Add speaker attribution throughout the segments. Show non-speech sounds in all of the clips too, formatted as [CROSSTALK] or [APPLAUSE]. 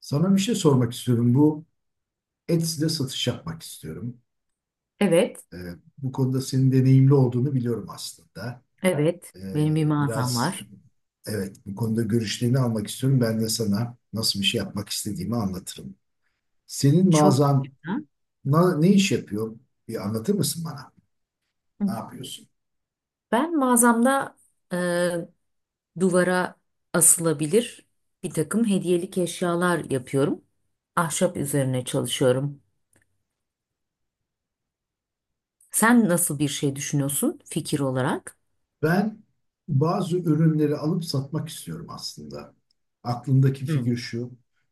Speaker 1: Sana bir şey sormak istiyorum. Bu Etsy'de satış yapmak istiyorum.
Speaker 2: Evet,
Speaker 1: Ee, Bu konuda senin deneyimli olduğunu biliyorum aslında.
Speaker 2: evet. Benim bir mağazam
Speaker 1: Biraz
Speaker 2: var.
Speaker 1: evet bu konuda görüşlerini almak istiyorum. Ben de sana nasıl bir şey yapmak istediğimi anlatırım. Senin
Speaker 2: Çok
Speaker 1: mağazan
Speaker 2: güzel.
Speaker 1: ne iş yapıyor? Bir anlatır mısın bana? Ne yapıyorsun?
Speaker 2: Ben mağazamda e, duvara asılabilir bir takım hediyelik eşyalar yapıyorum. Ahşap üzerine çalışıyorum. Sen nasıl bir şey düşünüyorsun fikir olarak?
Speaker 1: Ben bazı ürünleri alıp satmak istiyorum aslında. Aklımdaki
Speaker 2: Hı.
Speaker 1: fikir şu.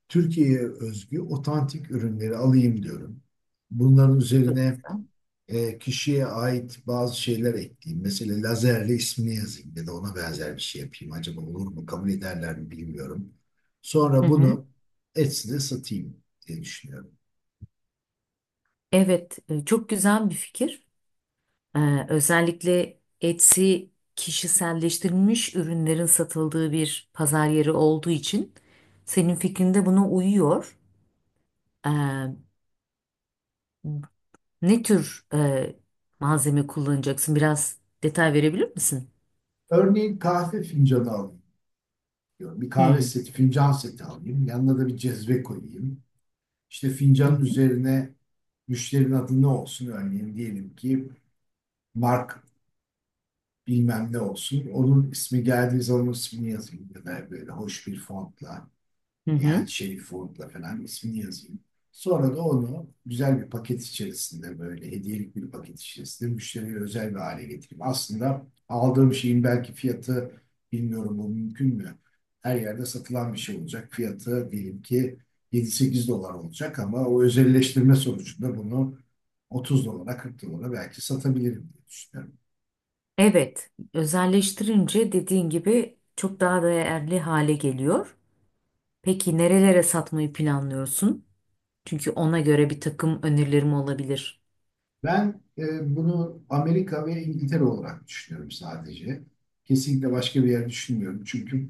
Speaker 1: Türkiye'ye özgü otantik ürünleri alayım diyorum. Bunların
Speaker 2: Çok
Speaker 1: üzerine
Speaker 2: güzel.
Speaker 1: kişiye ait bazı şeyler ekleyeyim. Mesela lazerle ismini yazayım ya da ona benzer bir şey yapayım. Acaba olur mu? Kabul ederler mi bilmiyorum.
Speaker 2: Hı
Speaker 1: Sonra
Speaker 2: hı.
Speaker 1: bunu Etsy'de satayım diye düşünüyorum.
Speaker 2: Evet, çok güzel bir fikir. Özellikle Etsy kişiselleştirilmiş ürünlerin satıldığı bir pazar yeri olduğu için senin fikrinde buna uyuyor. Eee, ne tür malzeme kullanacaksın? Biraz detay verebilir misin?
Speaker 1: Örneğin kahve fincanı alayım diyorum. Bir kahve
Speaker 2: Hmm.
Speaker 1: seti, fincan seti alayım. Yanına da bir cezve koyayım. İşte
Speaker 2: Hı
Speaker 1: fincanın
Speaker 2: hı.
Speaker 1: üzerine müşterinin adı ne olsun? Örneğin diyelim ki Mark bilmem ne olsun. Onun ismi geldiği zaman onun ismini yazayım ya da böyle hoş bir fontla.
Speaker 2: Hı hı.
Speaker 1: Yani şey Ford'la falan ismini yazayım. Sonra da onu güzel bir paket içerisinde böyle hediyelik bir paket içerisinde müşteriye özel bir hale getireyim. Aslında aldığım şeyin belki fiyatı bilmiyorum bu mümkün mü? Her yerde satılan bir şey olacak. Fiyatı diyelim ki 7-8 dolar olacak ama o özelleştirme sonucunda bunu 30 dolara 40 dolara belki satabilirim diye düşünüyorum.
Speaker 2: Evet, özelleştirince dediğin gibi çok daha değerli hale geliyor. Peki nerelere satmayı planlıyorsun? Çünkü ona göre bir takım önerilerim olabilir.
Speaker 1: Ben bunu Amerika ve İngiltere olarak düşünüyorum sadece. Kesinlikle başka bir yer düşünmüyorum. Çünkü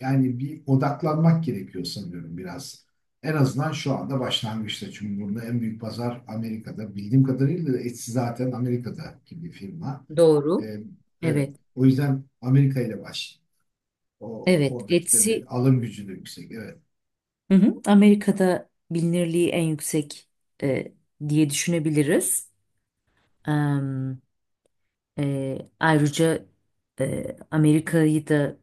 Speaker 1: yani bir odaklanmak gerekiyor sanıyorum biraz. En azından şu anda başlangıçta. Çünkü burada en büyük pazar Amerika'da. Bildiğim kadarıyla da Etsy zaten Amerika'daki bir firma.
Speaker 2: Doğru.
Speaker 1: E, evet.
Speaker 2: Evet,
Speaker 1: O yüzden Amerika ile baş. O,
Speaker 2: evet.
Speaker 1: oradaki
Speaker 2: Etsy,
Speaker 1: tabii alım gücü de yüksek. Evet.
Speaker 2: hı hı. Amerika'da bilinirliği en yüksek eee, diye düşünebiliriz. Ayrıca Amerika'yı da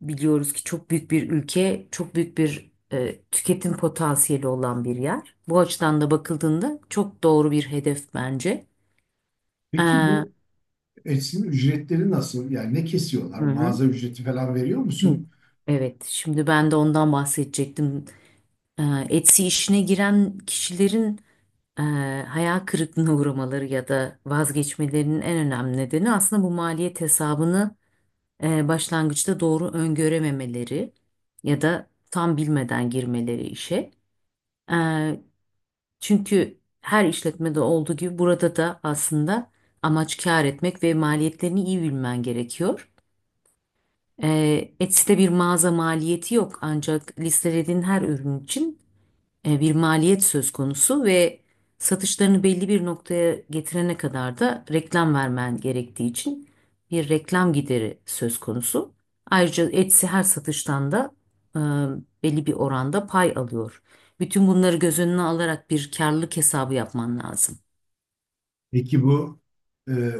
Speaker 2: biliyoruz ki çok büyük bir ülke, çok büyük bir tüketim potansiyeli olan bir yer. Bu açıdan da bakıldığında çok doğru bir hedef bence. Ee,
Speaker 1: Peki
Speaker 2: hı
Speaker 1: bu Etsy'nin ücretleri nasıl? Yani ne kesiyorlar?
Speaker 2: hı.
Speaker 1: Mağaza ücreti falan veriyor
Speaker 2: [CLEARS THROAT] Hı.
Speaker 1: musun?
Speaker 2: Evet, şimdi ben de ondan bahsedecektim. Ee, Etsy işine giren kişilerin e, hayal kırıklığına [LAUGHS] uğramaları ya da vazgeçmelerinin en önemli nedeni aslında bu maliyet hesabını başlangıçta doğru öngörememeleri ya da tam bilmeden girmeleri işe. E, çünkü her işletmede olduğu gibi burada da aslında amaç kâr etmek ve maliyetlerini iyi bilmen gerekiyor. E, Etsy'de bir mağaza maliyeti yok ancak listelediğin her ürün için bir maliyet söz konusu ve satışlarını belli bir noktaya getirene kadar da reklam vermen gerektiği için bir reklam gideri söz konusu. Ayrıca Etsy her satıştan da e, belli bir oranda pay alıyor. Bütün bunları göz önüne alarak bir karlılık hesabı yapman lazım.
Speaker 1: Peki bu e,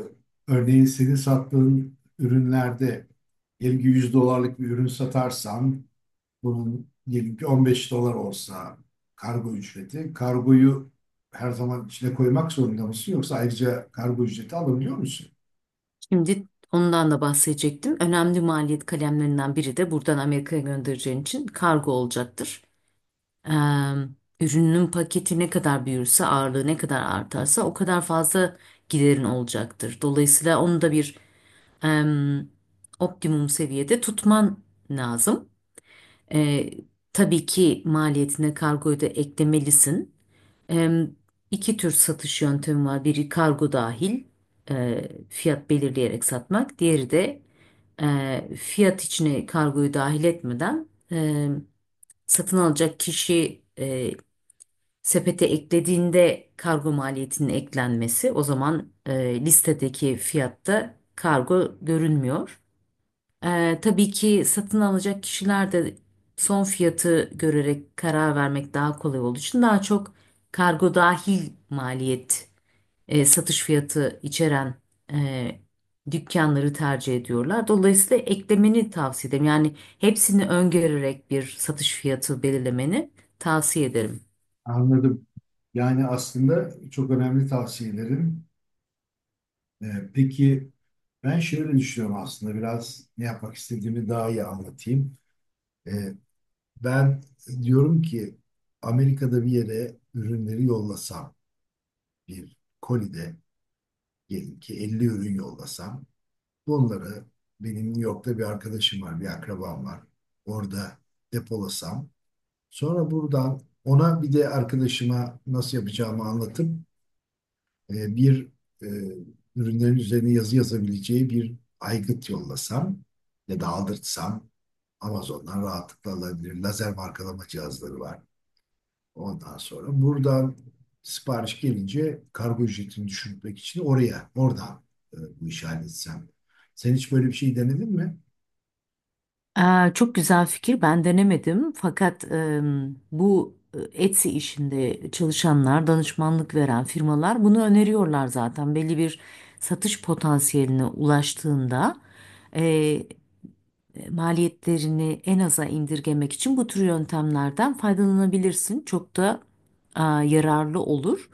Speaker 1: örneğin senin sattığın ürünlerde diyelim ki 100 dolarlık bir ürün satarsan bunun diyelim ki 15 dolar olsa kargo ücreti. Kargoyu her zaman içine koymak zorunda mısın yoksa ayrıca kargo ücreti alabiliyor musun?
Speaker 2: Şimdi ondan da bahsedecektim. Önemli maliyet kalemlerinden biri de buradan Amerika'ya göndereceğin için kargo olacaktır. Eee, ürünün paketi ne kadar büyürse, ağırlığı ne kadar artarsa o kadar fazla giderin olacaktır. Dolayısıyla onu da bir em, optimum seviyede tutman lazım. Eee, tabii ki maliyetine kargoyu da eklemelisin. Em, iki tür satış yöntemi var. Biri kargo dahil fiyat belirleyerek satmak. Diğeri de fiyat içine kargoyu dahil etmeden satın alacak kişi sepete eklediğinde kargo maliyetinin eklenmesi, o zaman listedeki fiyatta kargo görünmüyor. Tabii ki satın alacak kişiler de son fiyatı görerek karar vermek daha kolay olduğu için daha çok kargo dahil maliyet, satış fiyatı içeren e, dükkanları tercih ediyorlar. Dolayısıyla eklemeni tavsiye ederim. Yani hepsini öngörerek bir satış fiyatı belirlemeni tavsiye ederim.
Speaker 1: Anladım. Yani aslında çok önemli tavsiyelerin. Peki ben şöyle düşünüyorum aslında biraz ne yapmak istediğimi daha iyi anlatayım. E, Ben diyorum ki Amerika'da bir yere ürünleri yollasam, bir kolide diyelim ki 50 ürün yollasam, bunları benim New York'ta bir arkadaşım var, bir akrabam var. Orada depolasam, sonra buradan ona bir de arkadaşıma nasıl yapacağımı anlatıp bir e, ürünlerin üzerine yazı yazabileceği bir aygıt yollasam ya da aldırtsam Amazon'dan rahatlıkla alabilir. Lazer markalama cihazları var. Ondan sonra buradan sipariş gelince kargo ücretini düşürmek için oradan bu işi halletsem. Sen hiç böyle bir şey denedin mi?
Speaker 2: Aa, çok güzel fikir. Ben denemedim. Fakat bu Etsy işinde çalışanlar, danışmanlık veren firmalar bunu öneriyorlar zaten. Belli bir satış potansiyeline ulaştığında e, maliyetlerini en aza indirgemek için bu tür yöntemlerden faydalanabilirsin. Çok da yararlı olur.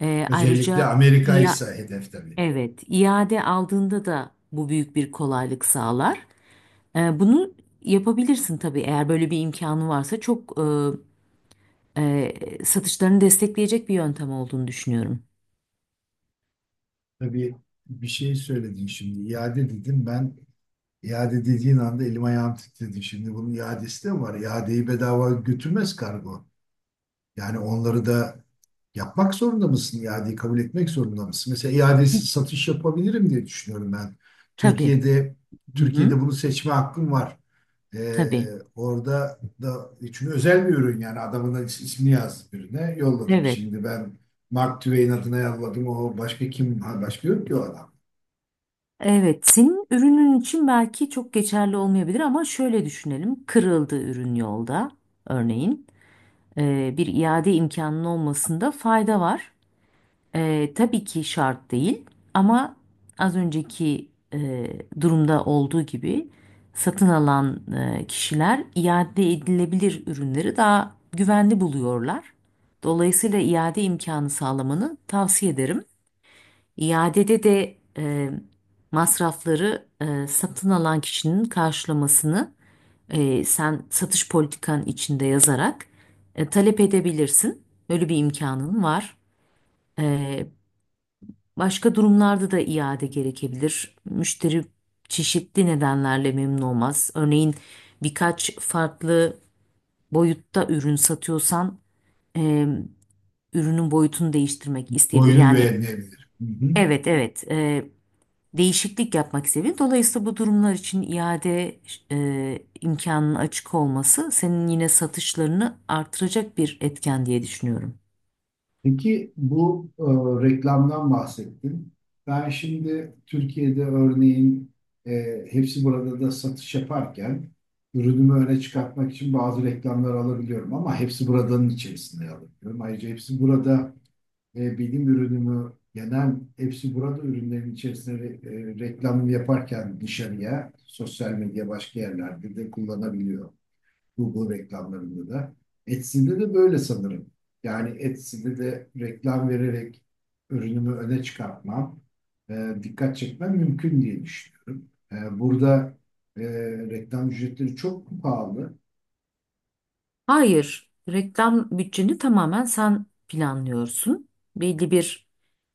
Speaker 2: E,
Speaker 1: Özellikle
Speaker 2: ayrıca
Speaker 1: Amerika
Speaker 2: ya,
Speaker 1: ise hedef tabii.
Speaker 2: evet, iade aldığında da bu büyük bir kolaylık sağlar. Bunu yapabilirsin tabii, eğer böyle bir imkanı varsa çok satışlarını destekleyecek bir yöntem olduğunu düşünüyorum.
Speaker 1: Tabii bir şey söyledin şimdi. İade dedim ben. İade dediğin anda elim ayağım titredi. Şimdi bunun iadesi de var. İadeyi bedava götürmez kargo. Yani onları da yapmak zorunda mısın? İadeyi kabul etmek zorunda mısın? Mesela iadesiz satış yapabilirim diye düşünüyorum ben.
Speaker 2: Tabii.
Speaker 1: Türkiye'de
Speaker 2: Hı hı.
Speaker 1: Türkiye'de bunu seçme hakkım var. Ee,
Speaker 2: Tabii.
Speaker 1: Orada da çünkü özel bir ürün yani adamın da ismini yazdım birine yolladım.
Speaker 2: Evet.
Speaker 1: Şimdi ben Mark Twain adına yolladım. O başka kim? Ha, başka yok ki o adam.
Speaker 2: Evet, senin ürünün için belki çok geçerli olmayabilir ama şöyle düşünelim. Kırıldı ürün yolda örneğin. Bir iade imkanının olmasında fayda var. Tabii ki şart değil ama az önceki durumda olduğu gibi satın alan kişiler iade edilebilir ürünleri daha güvenli buluyorlar. Dolayısıyla iade imkanı sağlamanı tavsiye ederim. İadede de masrafları, satın alan kişinin karşılamasını sen satış politikan içinde yazarak talep edebilirsin. Böyle bir imkanın var. E, Başka durumlarda da iade gerekebilir. Müşteri çeşitli nedenlerle memnun olmaz. Örneğin birkaç farklı boyutta ürün satıyorsan e, ürünün boyutunu değiştirmek isteyebilir.
Speaker 1: Boyunu
Speaker 2: Yani,
Speaker 1: beğenmeyebilir. Hı hı.
Speaker 2: evet, evet, değişiklik yapmak isteyebilir. Dolayısıyla bu durumlar için iade imkanının açık olması senin yine satışlarını artıracak bir etken diye düşünüyorum.
Speaker 1: Peki bu reklamdan bahsettin. Ben şimdi Türkiye'de örneğin hepsi burada da satış yaparken ürünümü öne çıkartmak için bazı reklamlar alabiliyorum ama hepsi buradanın içerisinde alabiliyorum. Ayrıca hepsi burada benim ürünümü genel hepsi burada ürünlerin içerisinde reklamını yaparken dışarıya sosyal medya başka yerlerde de kullanabiliyor. Google reklamlarında da. Etsy'de de böyle sanırım. Yani Etsy'de de reklam vererek ürünümü öne çıkartmam, dikkat çekmem mümkün diye düşünüyorum. Burada e, reklam ücretleri çok pahalı.
Speaker 2: Hayır, reklam bütçeni tamamen sen planlıyorsun. Belli bir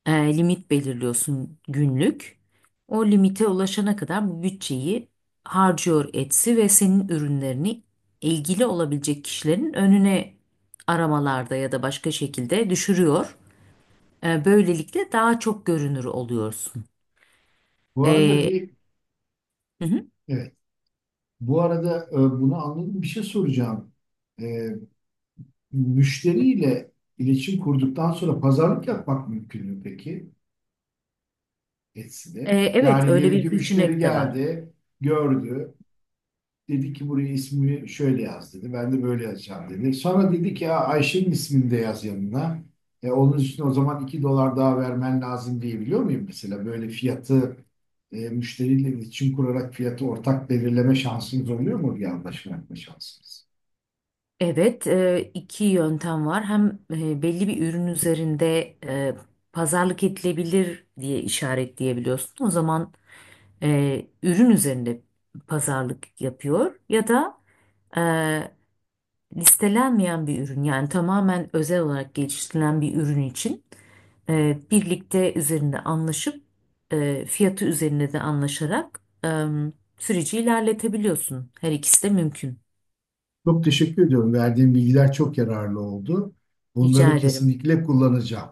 Speaker 2: limit belirliyorsun günlük. O limite ulaşana kadar bu bütçeyi harcıyor Etsy ve senin ürünlerini ilgili olabilecek kişilerin önüne aramalarda ya da başka şekilde düşürüyor. Böylelikle daha çok görünür oluyorsun.
Speaker 1: Bu arada
Speaker 2: E,
Speaker 1: bir,
Speaker 2: hı hı.
Speaker 1: evet, bu arada bunu anladım. Bir şey soracağım. E, Müşteriyle iletişim kurduktan sonra pazarlık yapmak mümkün mü peki
Speaker 2: E,
Speaker 1: Etsy'de?
Speaker 2: evet
Speaker 1: Yani
Speaker 2: öyle
Speaker 1: diyelim
Speaker 2: bir
Speaker 1: ki müşteri
Speaker 2: seçenek de var.
Speaker 1: geldi, gördü. Dedi ki buraya ismimi şöyle yaz dedi. Ben de böyle yazacağım dedi. Sonra dedi ki ya Ayşe'nin ismini de yaz yanına. Onun için o zaman 2 dolar daha vermen lazım diyebiliyor muyum mesela? Böyle fiyatı müşteriyle iletişim kurarak fiyatı ortak belirleme şansınız oluyor mu? Bir anlaşma yapma şansınız.
Speaker 2: Evet, iki yöntem var. Hem belli bir ürün üzerinde pazarlık edilebilir diye işaretleyebiliyorsun. O zaman ürün üzerinde pazarlık yapıyor ya da e, listelenmeyen bir ürün, yani tamamen özel olarak geliştirilen bir ürün için birlikte üzerinde anlaşıp fiyatı üzerinde de anlaşarak süreci ilerletebiliyorsun. Her ikisi de mümkün.
Speaker 1: Çok teşekkür ediyorum. Verdiğim bilgiler çok yararlı oldu. Bunları
Speaker 2: Rica ederim.
Speaker 1: kesinlikle kullanacağım.